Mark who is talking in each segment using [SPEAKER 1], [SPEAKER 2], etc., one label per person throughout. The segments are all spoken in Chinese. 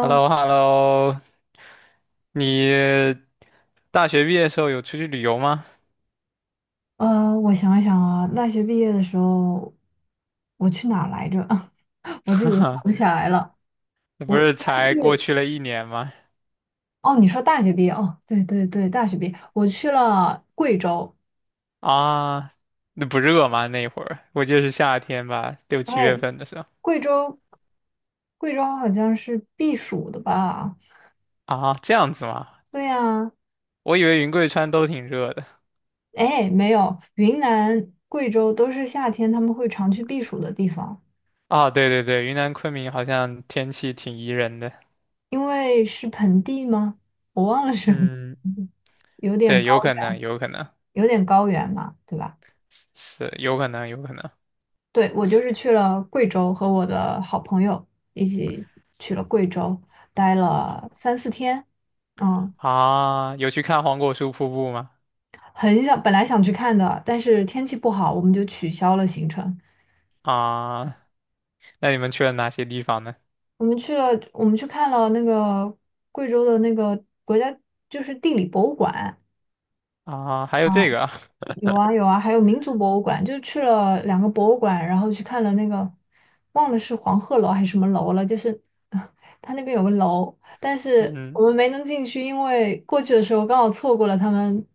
[SPEAKER 1] h e l l o h e l l o 你大学毕业的时候有出去旅游吗？
[SPEAKER 2] 我想一想啊，大学毕业的时候，我去哪儿来着？我自
[SPEAKER 1] 哈
[SPEAKER 2] 己都想
[SPEAKER 1] 哈，
[SPEAKER 2] 不起来了。
[SPEAKER 1] 那不
[SPEAKER 2] 我应
[SPEAKER 1] 是
[SPEAKER 2] 该
[SPEAKER 1] 才过
[SPEAKER 2] 是
[SPEAKER 1] 去了1年吗？
[SPEAKER 2] 哦，你说大学毕业哦，对对对，大学毕业，我去了贵州。
[SPEAKER 1] 啊，那不热吗？那会儿我记是夏天吧，6、7月份的时候。
[SPEAKER 2] 贵州，贵州好像是避暑的吧？
[SPEAKER 1] 啊，这样子吗？
[SPEAKER 2] 对呀，
[SPEAKER 1] 我以为云贵川都挺热的。
[SPEAKER 2] 哎，没有，云南、贵州都是夏天他们会常去避暑的地方，
[SPEAKER 1] 啊，对对对，云南昆明好像天气挺宜人的。
[SPEAKER 2] 因为是盆地吗？我忘了是，
[SPEAKER 1] 嗯，
[SPEAKER 2] 有点
[SPEAKER 1] 对，
[SPEAKER 2] 高，
[SPEAKER 1] 有可能，有可能，
[SPEAKER 2] 有点高原嘛，对吧？
[SPEAKER 1] 是有可能，有可能。
[SPEAKER 2] 对，我就是去了贵州，和我的好朋友一起去了贵州，待
[SPEAKER 1] 啊
[SPEAKER 2] 了三四天。嗯，
[SPEAKER 1] 啊，有去看黄果树瀑布吗？
[SPEAKER 2] 很想，本来想去看的，但是天气不好，我们就取消了行程。
[SPEAKER 1] 啊，那你们去了哪些地方呢？
[SPEAKER 2] 我们去了，我们去看了那个贵州的那个国家，就是地理博物馆。
[SPEAKER 1] 啊，还有这个啊。
[SPEAKER 2] 有啊有啊，还有民族博物馆，就去了两个博物馆，然后去看了那个，忘了是黄鹤楼还是什么楼了，就是 它那边有个楼，但是
[SPEAKER 1] 嗯
[SPEAKER 2] 我们没能进去，因为过去的时候刚好错过了他们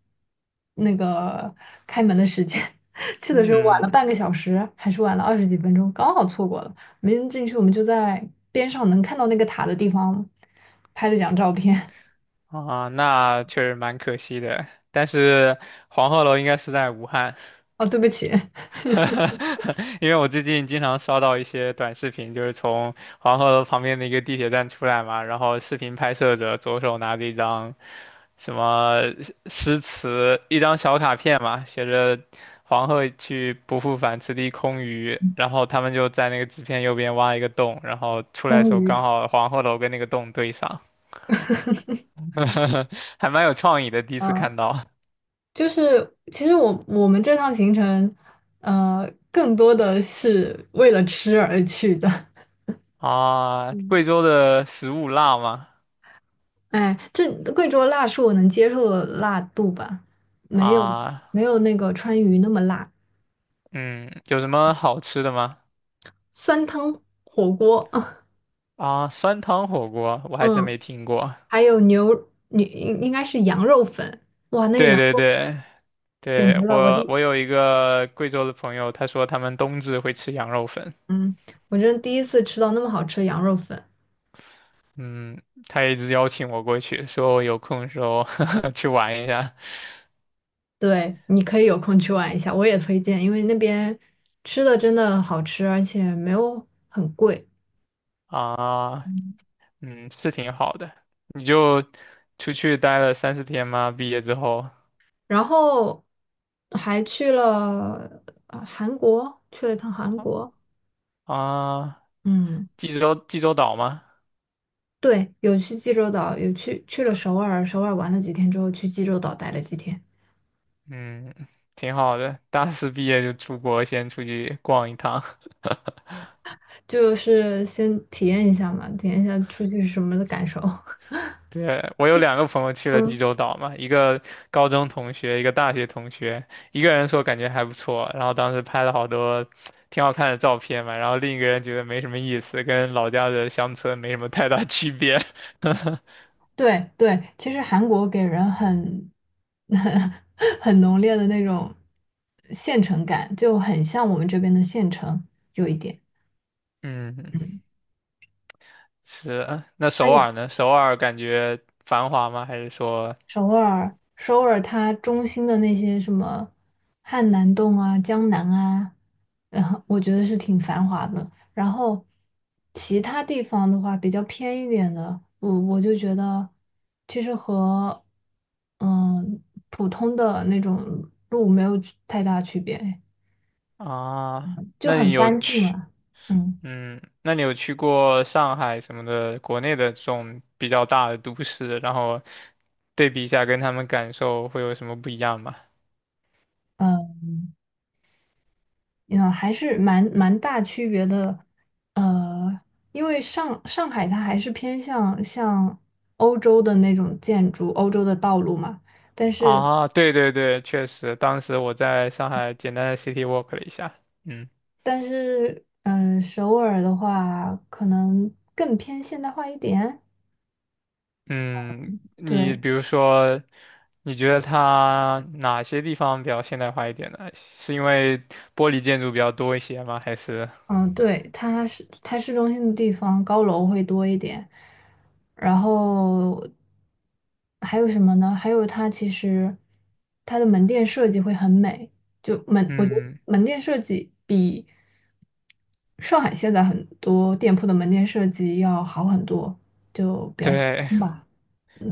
[SPEAKER 2] 那个开门的时间，去的时候晚了
[SPEAKER 1] 嗯。
[SPEAKER 2] 半个小时，还是晚了二十几分钟，刚好错过了，没能进去，我们就在边上能看到那个塔的地方拍了张照片。
[SPEAKER 1] 啊，那确实蛮可惜的。但是黄鹤楼应该是在武汉，
[SPEAKER 2] 哦，对不起，
[SPEAKER 1] 因为我最近经常刷到一些短视频，就是从黄鹤楼旁边的一个地铁站出来嘛，然后视频拍摄者左手拿着一张什么诗词，一张小卡片嘛，写着“黄鹤去，不复返，此地空余”，然后他们就在那个纸片右边挖一个洞，然后 出来的时候刚
[SPEAKER 2] 空
[SPEAKER 1] 好黄鹤楼跟那个洞对上，还蛮有创意的，第一次
[SPEAKER 2] 嗯。
[SPEAKER 1] 看到。
[SPEAKER 2] 就是其实我们这趟行程，更多的是为了吃而去的。
[SPEAKER 1] 啊，
[SPEAKER 2] 嗯，
[SPEAKER 1] 贵州的食物辣吗？
[SPEAKER 2] 哎，这贵州辣是我能接受的辣度吧，没有
[SPEAKER 1] 啊。
[SPEAKER 2] 没有那个川渝那么辣。
[SPEAKER 1] 嗯，有什么好吃的吗？
[SPEAKER 2] 酸汤火锅，
[SPEAKER 1] 啊，酸汤火锅，我还真
[SPEAKER 2] 嗯，
[SPEAKER 1] 没听过。
[SPEAKER 2] 还有牛，你应该是羊肉粉，哇，那
[SPEAKER 1] 对
[SPEAKER 2] 羊
[SPEAKER 1] 对
[SPEAKER 2] 肉
[SPEAKER 1] 对，
[SPEAKER 2] 简
[SPEAKER 1] 对，
[SPEAKER 2] 直了，我
[SPEAKER 1] 我
[SPEAKER 2] 第，
[SPEAKER 1] 我有一个贵州的朋友，他说他们冬至会吃羊肉粉。
[SPEAKER 2] 嗯，我真第一次吃到那么好吃的羊肉粉。
[SPEAKER 1] 嗯，他一直邀请我过去，说我有空的时候 去玩一下。
[SPEAKER 2] 对，你可以有空去玩一下，我也推荐，因为那边吃的真的好吃，而且没有很贵。
[SPEAKER 1] 啊。
[SPEAKER 2] 嗯，
[SPEAKER 1] 嗯，是挺好的。你就出去待了3、4天吗？毕业之后。
[SPEAKER 2] 然后还去了韩国，去了一趟韩国。
[SPEAKER 1] 啊，
[SPEAKER 2] 嗯，
[SPEAKER 1] 济州岛吗？
[SPEAKER 2] 对，有去济州岛，去了首尔，首尔玩了几天之后，去济州岛待了几天，
[SPEAKER 1] 嗯，挺好的。大四毕业就出国，先出去逛一趟。
[SPEAKER 2] 就是先体验一下嘛，体验一下出去是什么的感受。
[SPEAKER 1] 对，我有2个朋友去 了济
[SPEAKER 2] 嗯。
[SPEAKER 1] 州岛嘛，一个高中同学，一个大学同学，一个人说感觉还不错，然后当时拍了好多挺好看的照片嘛，然后另一个人觉得没什么意思，跟老家的乡村没什么太大 区别。
[SPEAKER 2] 对对，其实韩国给人很 很浓烈的那种县城感，就很像我们这边的县城，有一点。
[SPEAKER 1] 嗯，
[SPEAKER 2] 嗯，
[SPEAKER 1] 是。那
[SPEAKER 2] 那
[SPEAKER 1] 首
[SPEAKER 2] 你。
[SPEAKER 1] 尔呢？首尔感觉繁华吗？还是说。
[SPEAKER 2] 首尔它中心的那些什么汉南洞啊、江南啊，然后我觉得是挺繁华的。然后其他地方的话，比较偏一点的，我就觉得其实和嗯普通的那种路没有太大区别，
[SPEAKER 1] 啊？
[SPEAKER 2] 就
[SPEAKER 1] 那你
[SPEAKER 2] 很
[SPEAKER 1] 有
[SPEAKER 2] 干净
[SPEAKER 1] 去？
[SPEAKER 2] 啊。嗯。
[SPEAKER 1] 嗯，那你有去过上海什么的国内的这种比较大的都市，然后对比一下，跟他们感受会有什么不一样吗？
[SPEAKER 2] 呃嗯，还是蛮大区别的，呃，因为上海它还是偏向像欧洲的那种建筑，欧洲的道路嘛，但是
[SPEAKER 1] 啊，对对对，确实，当时我在上海简单的 city walk 了一下，嗯。
[SPEAKER 2] 但是，嗯、首尔的话可能更偏现代化一点，
[SPEAKER 1] 嗯，你
[SPEAKER 2] 对，
[SPEAKER 1] 比如说，你觉得它哪些地方比较现代化一点呢？是因为玻璃建筑比较多一些吗？还是。
[SPEAKER 2] 嗯，对，它是它市中心的地方，高楼会多一点。然后还有什么呢？还有它其实它的门店设计会很美，就门，我觉得
[SPEAKER 1] 嗯，
[SPEAKER 2] 门店设计比上海现在很多店铺的门店设计要好很多
[SPEAKER 1] 对，
[SPEAKER 2] 吧。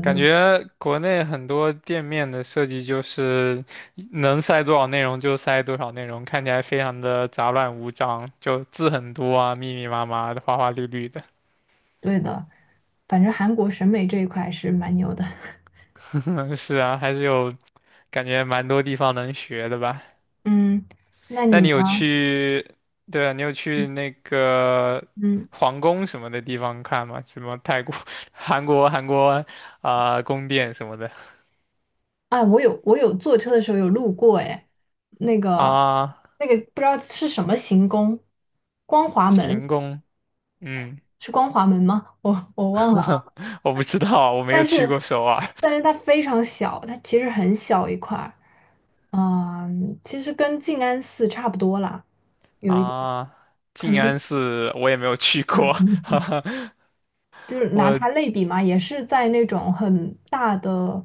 [SPEAKER 1] 感觉国内很多店面的设计就是能塞多少内容就塞多少内容，看起来非常的杂乱无章，就字很多啊，密密麻麻的，花花绿绿的。
[SPEAKER 2] 对的，反正韩国审美这一块是蛮牛的。
[SPEAKER 1] 嗯，是啊，还是有感觉蛮多地方能学的吧？
[SPEAKER 2] 嗯，那
[SPEAKER 1] 那
[SPEAKER 2] 你
[SPEAKER 1] 你有
[SPEAKER 2] 呢？
[SPEAKER 1] 去，对啊，你有去那个
[SPEAKER 2] 嗯。
[SPEAKER 1] 皇宫什么的地方看吗？什么泰国、韩国啊、宫殿什么的。
[SPEAKER 2] 啊，我有坐车的时候有路过，哎，那个
[SPEAKER 1] 啊，
[SPEAKER 2] 那个不知道是什么行宫，光华
[SPEAKER 1] 行
[SPEAKER 2] 门
[SPEAKER 1] 宫，嗯。
[SPEAKER 2] 是光华门吗？我忘了啊。
[SPEAKER 1] 我不知道，我没
[SPEAKER 2] 但
[SPEAKER 1] 有去过
[SPEAKER 2] 是
[SPEAKER 1] 首尔。
[SPEAKER 2] 但是它非常小，它其实很小一块儿，嗯，其实跟静安寺差不多啦，有一点
[SPEAKER 1] 啊，
[SPEAKER 2] 可
[SPEAKER 1] 静
[SPEAKER 2] 能。
[SPEAKER 1] 安寺我也没有去过，哈哈。
[SPEAKER 2] 就是拿它
[SPEAKER 1] 我。
[SPEAKER 2] 类比嘛，也是在那种很大的、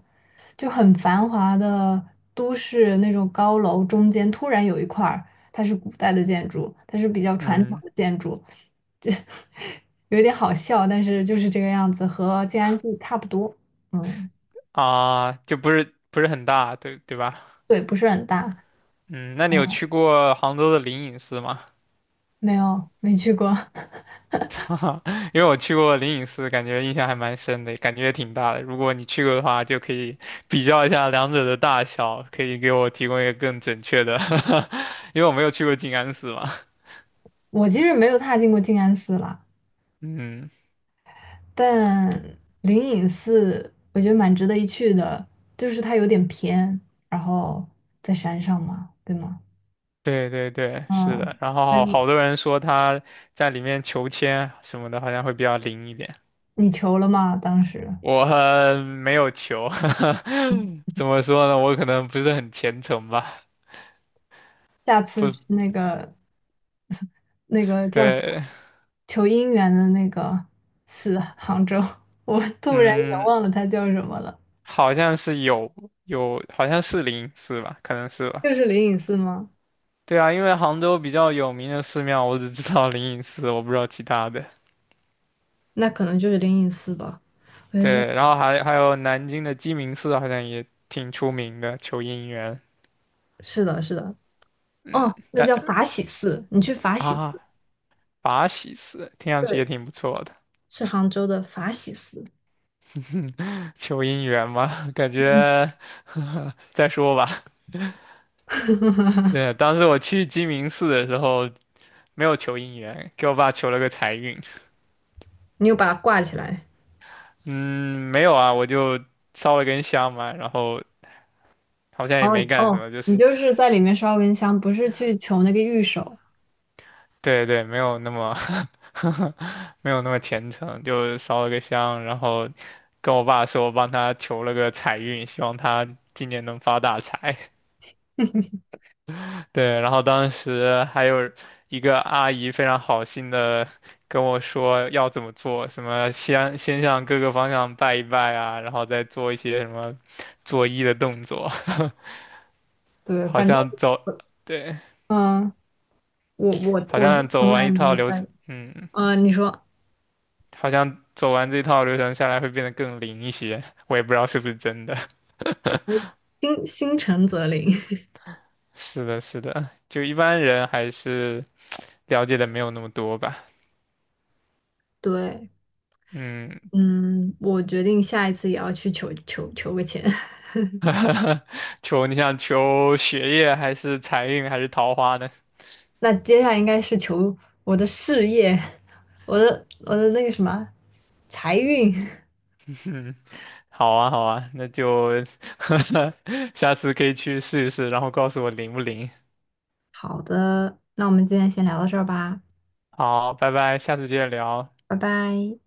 [SPEAKER 2] 就很繁华的都市那种高楼中间，突然有一块儿它是古代的建筑，它是比较传统
[SPEAKER 1] 嗯。
[SPEAKER 2] 的建筑，这 有点好笑，但是就是这个样子，和静安寺差不多。嗯，
[SPEAKER 1] 啊，就不是很大，对对吧？
[SPEAKER 2] 对，不是很大。
[SPEAKER 1] 嗯，那你有
[SPEAKER 2] 嗯，
[SPEAKER 1] 去过杭州的灵隐寺吗？
[SPEAKER 2] 没有，没去过。
[SPEAKER 1] 哈哈。因为我去过灵隐寺，感觉印象还蛮深的，感觉也挺大的。如果你去过的话，就可以 比较一下两者的大小，可以给我提供一个更准确的，因为我没有去过静安寺嘛。
[SPEAKER 2] 我其实没有踏进过静安寺啦。
[SPEAKER 1] 嗯，
[SPEAKER 2] 但灵隐寺我觉得蛮值得一去的，就是它有点偏，然后在山上嘛，对吗？
[SPEAKER 1] 对对对，是的。
[SPEAKER 2] 嗯，
[SPEAKER 1] 然后
[SPEAKER 2] 所以
[SPEAKER 1] 好
[SPEAKER 2] 我
[SPEAKER 1] 好多人说他在里面求签什么的，好像会比较灵一点。
[SPEAKER 2] 你求了吗？当时
[SPEAKER 1] 我没有求，怎么说呢？我可能不是很虔诚吧。
[SPEAKER 2] 下次
[SPEAKER 1] 不，
[SPEAKER 2] 去那个那个叫什么
[SPEAKER 1] 对，
[SPEAKER 2] 求姻缘的那个寺，杭州，我突然也
[SPEAKER 1] 嗯，
[SPEAKER 2] 忘了它叫什么了，
[SPEAKER 1] 好像是有。有，好像是灵隐寺吧，可能是吧。
[SPEAKER 2] 就是灵隐寺吗？
[SPEAKER 1] 对啊，因为杭州比较有名的寺庙，我只知道灵隐寺，我不知道其他的。
[SPEAKER 2] 那可能就是灵隐寺吧，我就想
[SPEAKER 1] 对，然后还有南京的鸡鸣寺，好像也挺出名的，求姻缘。
[SPEAKER 2] 是的，是的，
[SPEAKER 1] 嗯，
[SPEAKER 2] 哦，那
[SPEAKER 1] 但。
[SPEAKER 2] 叫法喜寺，你去法喜
[SPEAKER 1] 啊，
[SPEAKER 2] 寺。
[SPEAKER 1] 法喜寺听上去也
[SPEAKER 2] 对。
[SPEAKER 1] 挺不错的，
[SPEAKER 2] 是杭州的法喜寺，
[SPEAKER 1] 求姻缘嘛，感
[SPEAKER 2] 嗯
[SPEAKER 1] 觉 再说吧。对，当时我去鸡鸣寺的时候没有求姻缘，给我爸求了个财运。
[SPEAKER 2] 你又把它挂起来。
[SPEAKER 1] 嗯，没有啊，我就烧了根香嘛，然后好像也没
[SPEAKER 2] 哦，
[SPEAKER 1] 干什
[SPEAKER 2] 哦，
[SPEAKER 1] 么，就
[SPEAKER 2] 你
[SPEAKER 1] 是
[SPEAKER 2] 就是在里面烧根香，不是去求那个玉手。
[SPEAKER 1] 对对，没有那么 没有那么虔诚，就烧了个香，然后跟我爸说我帮他求了个财运，希望他今年能发大财。对，然后当时还有一个阿姨非常好心的跟我说要怎么做，什么先向各个方向拜一拜啊，然后再做一些什么作揖的动作，
[SPEAKER 2] 对，
[SPEAKER 1] 好
[SPEAKER 2] 反正
[SPEAKER 1] 像走，
[SPEAKER 2] 我，
[SPEAKER 1] 对，
[SPEAKER 2] 嗯，我我
[SPEAKER 1] 好
[SPEAKER 2] 我是
[SPEAKER 1] 像
[SPEAKER 2] 从
[SPEAKER 1] 走完
[SPEAKER 2] 来
[SPEAKER 1] 一
[SPEAKER 2] 没
[SPEAKER 1] 套
[SPEAKER 2] 有
[SPEAKER 1] 流
[SPEAKER 2] 拜。
[SPEAKER 1] 程，嗯，
[SPEAKER 2] 嗯、你说
[SPEAKER 1] 好像走完这套流程下来会变得更灵一些，我也不知道是不是真的。
[SPEAKER 2] 心心诚则灵。
[SPEAKER 1] 是的，是的，就一般人还是了解的没有那么多吧，
[SPEAKER 2] 对，
[SPEAKER 1] 嗯。
[SPEAKER 2] 嗯，我决定下一次也要去求个签。
[SPEAKER 1] 求你想求学业还是财运还是桃花呢？
[SPEAKER 2] 那接下来应该是求我的事业，我的那个什么财运。
[SPEAKER 1] 好啊好啊，那就 下次可以去试一试，然后告诉我灵不灵。
[SPEAKER 2] 好的，那我们今天先聊到这儿吧，
[SPEAKER 1] 好，拜拜，下次接着聊。
[SPEAKER 2] 拜拜。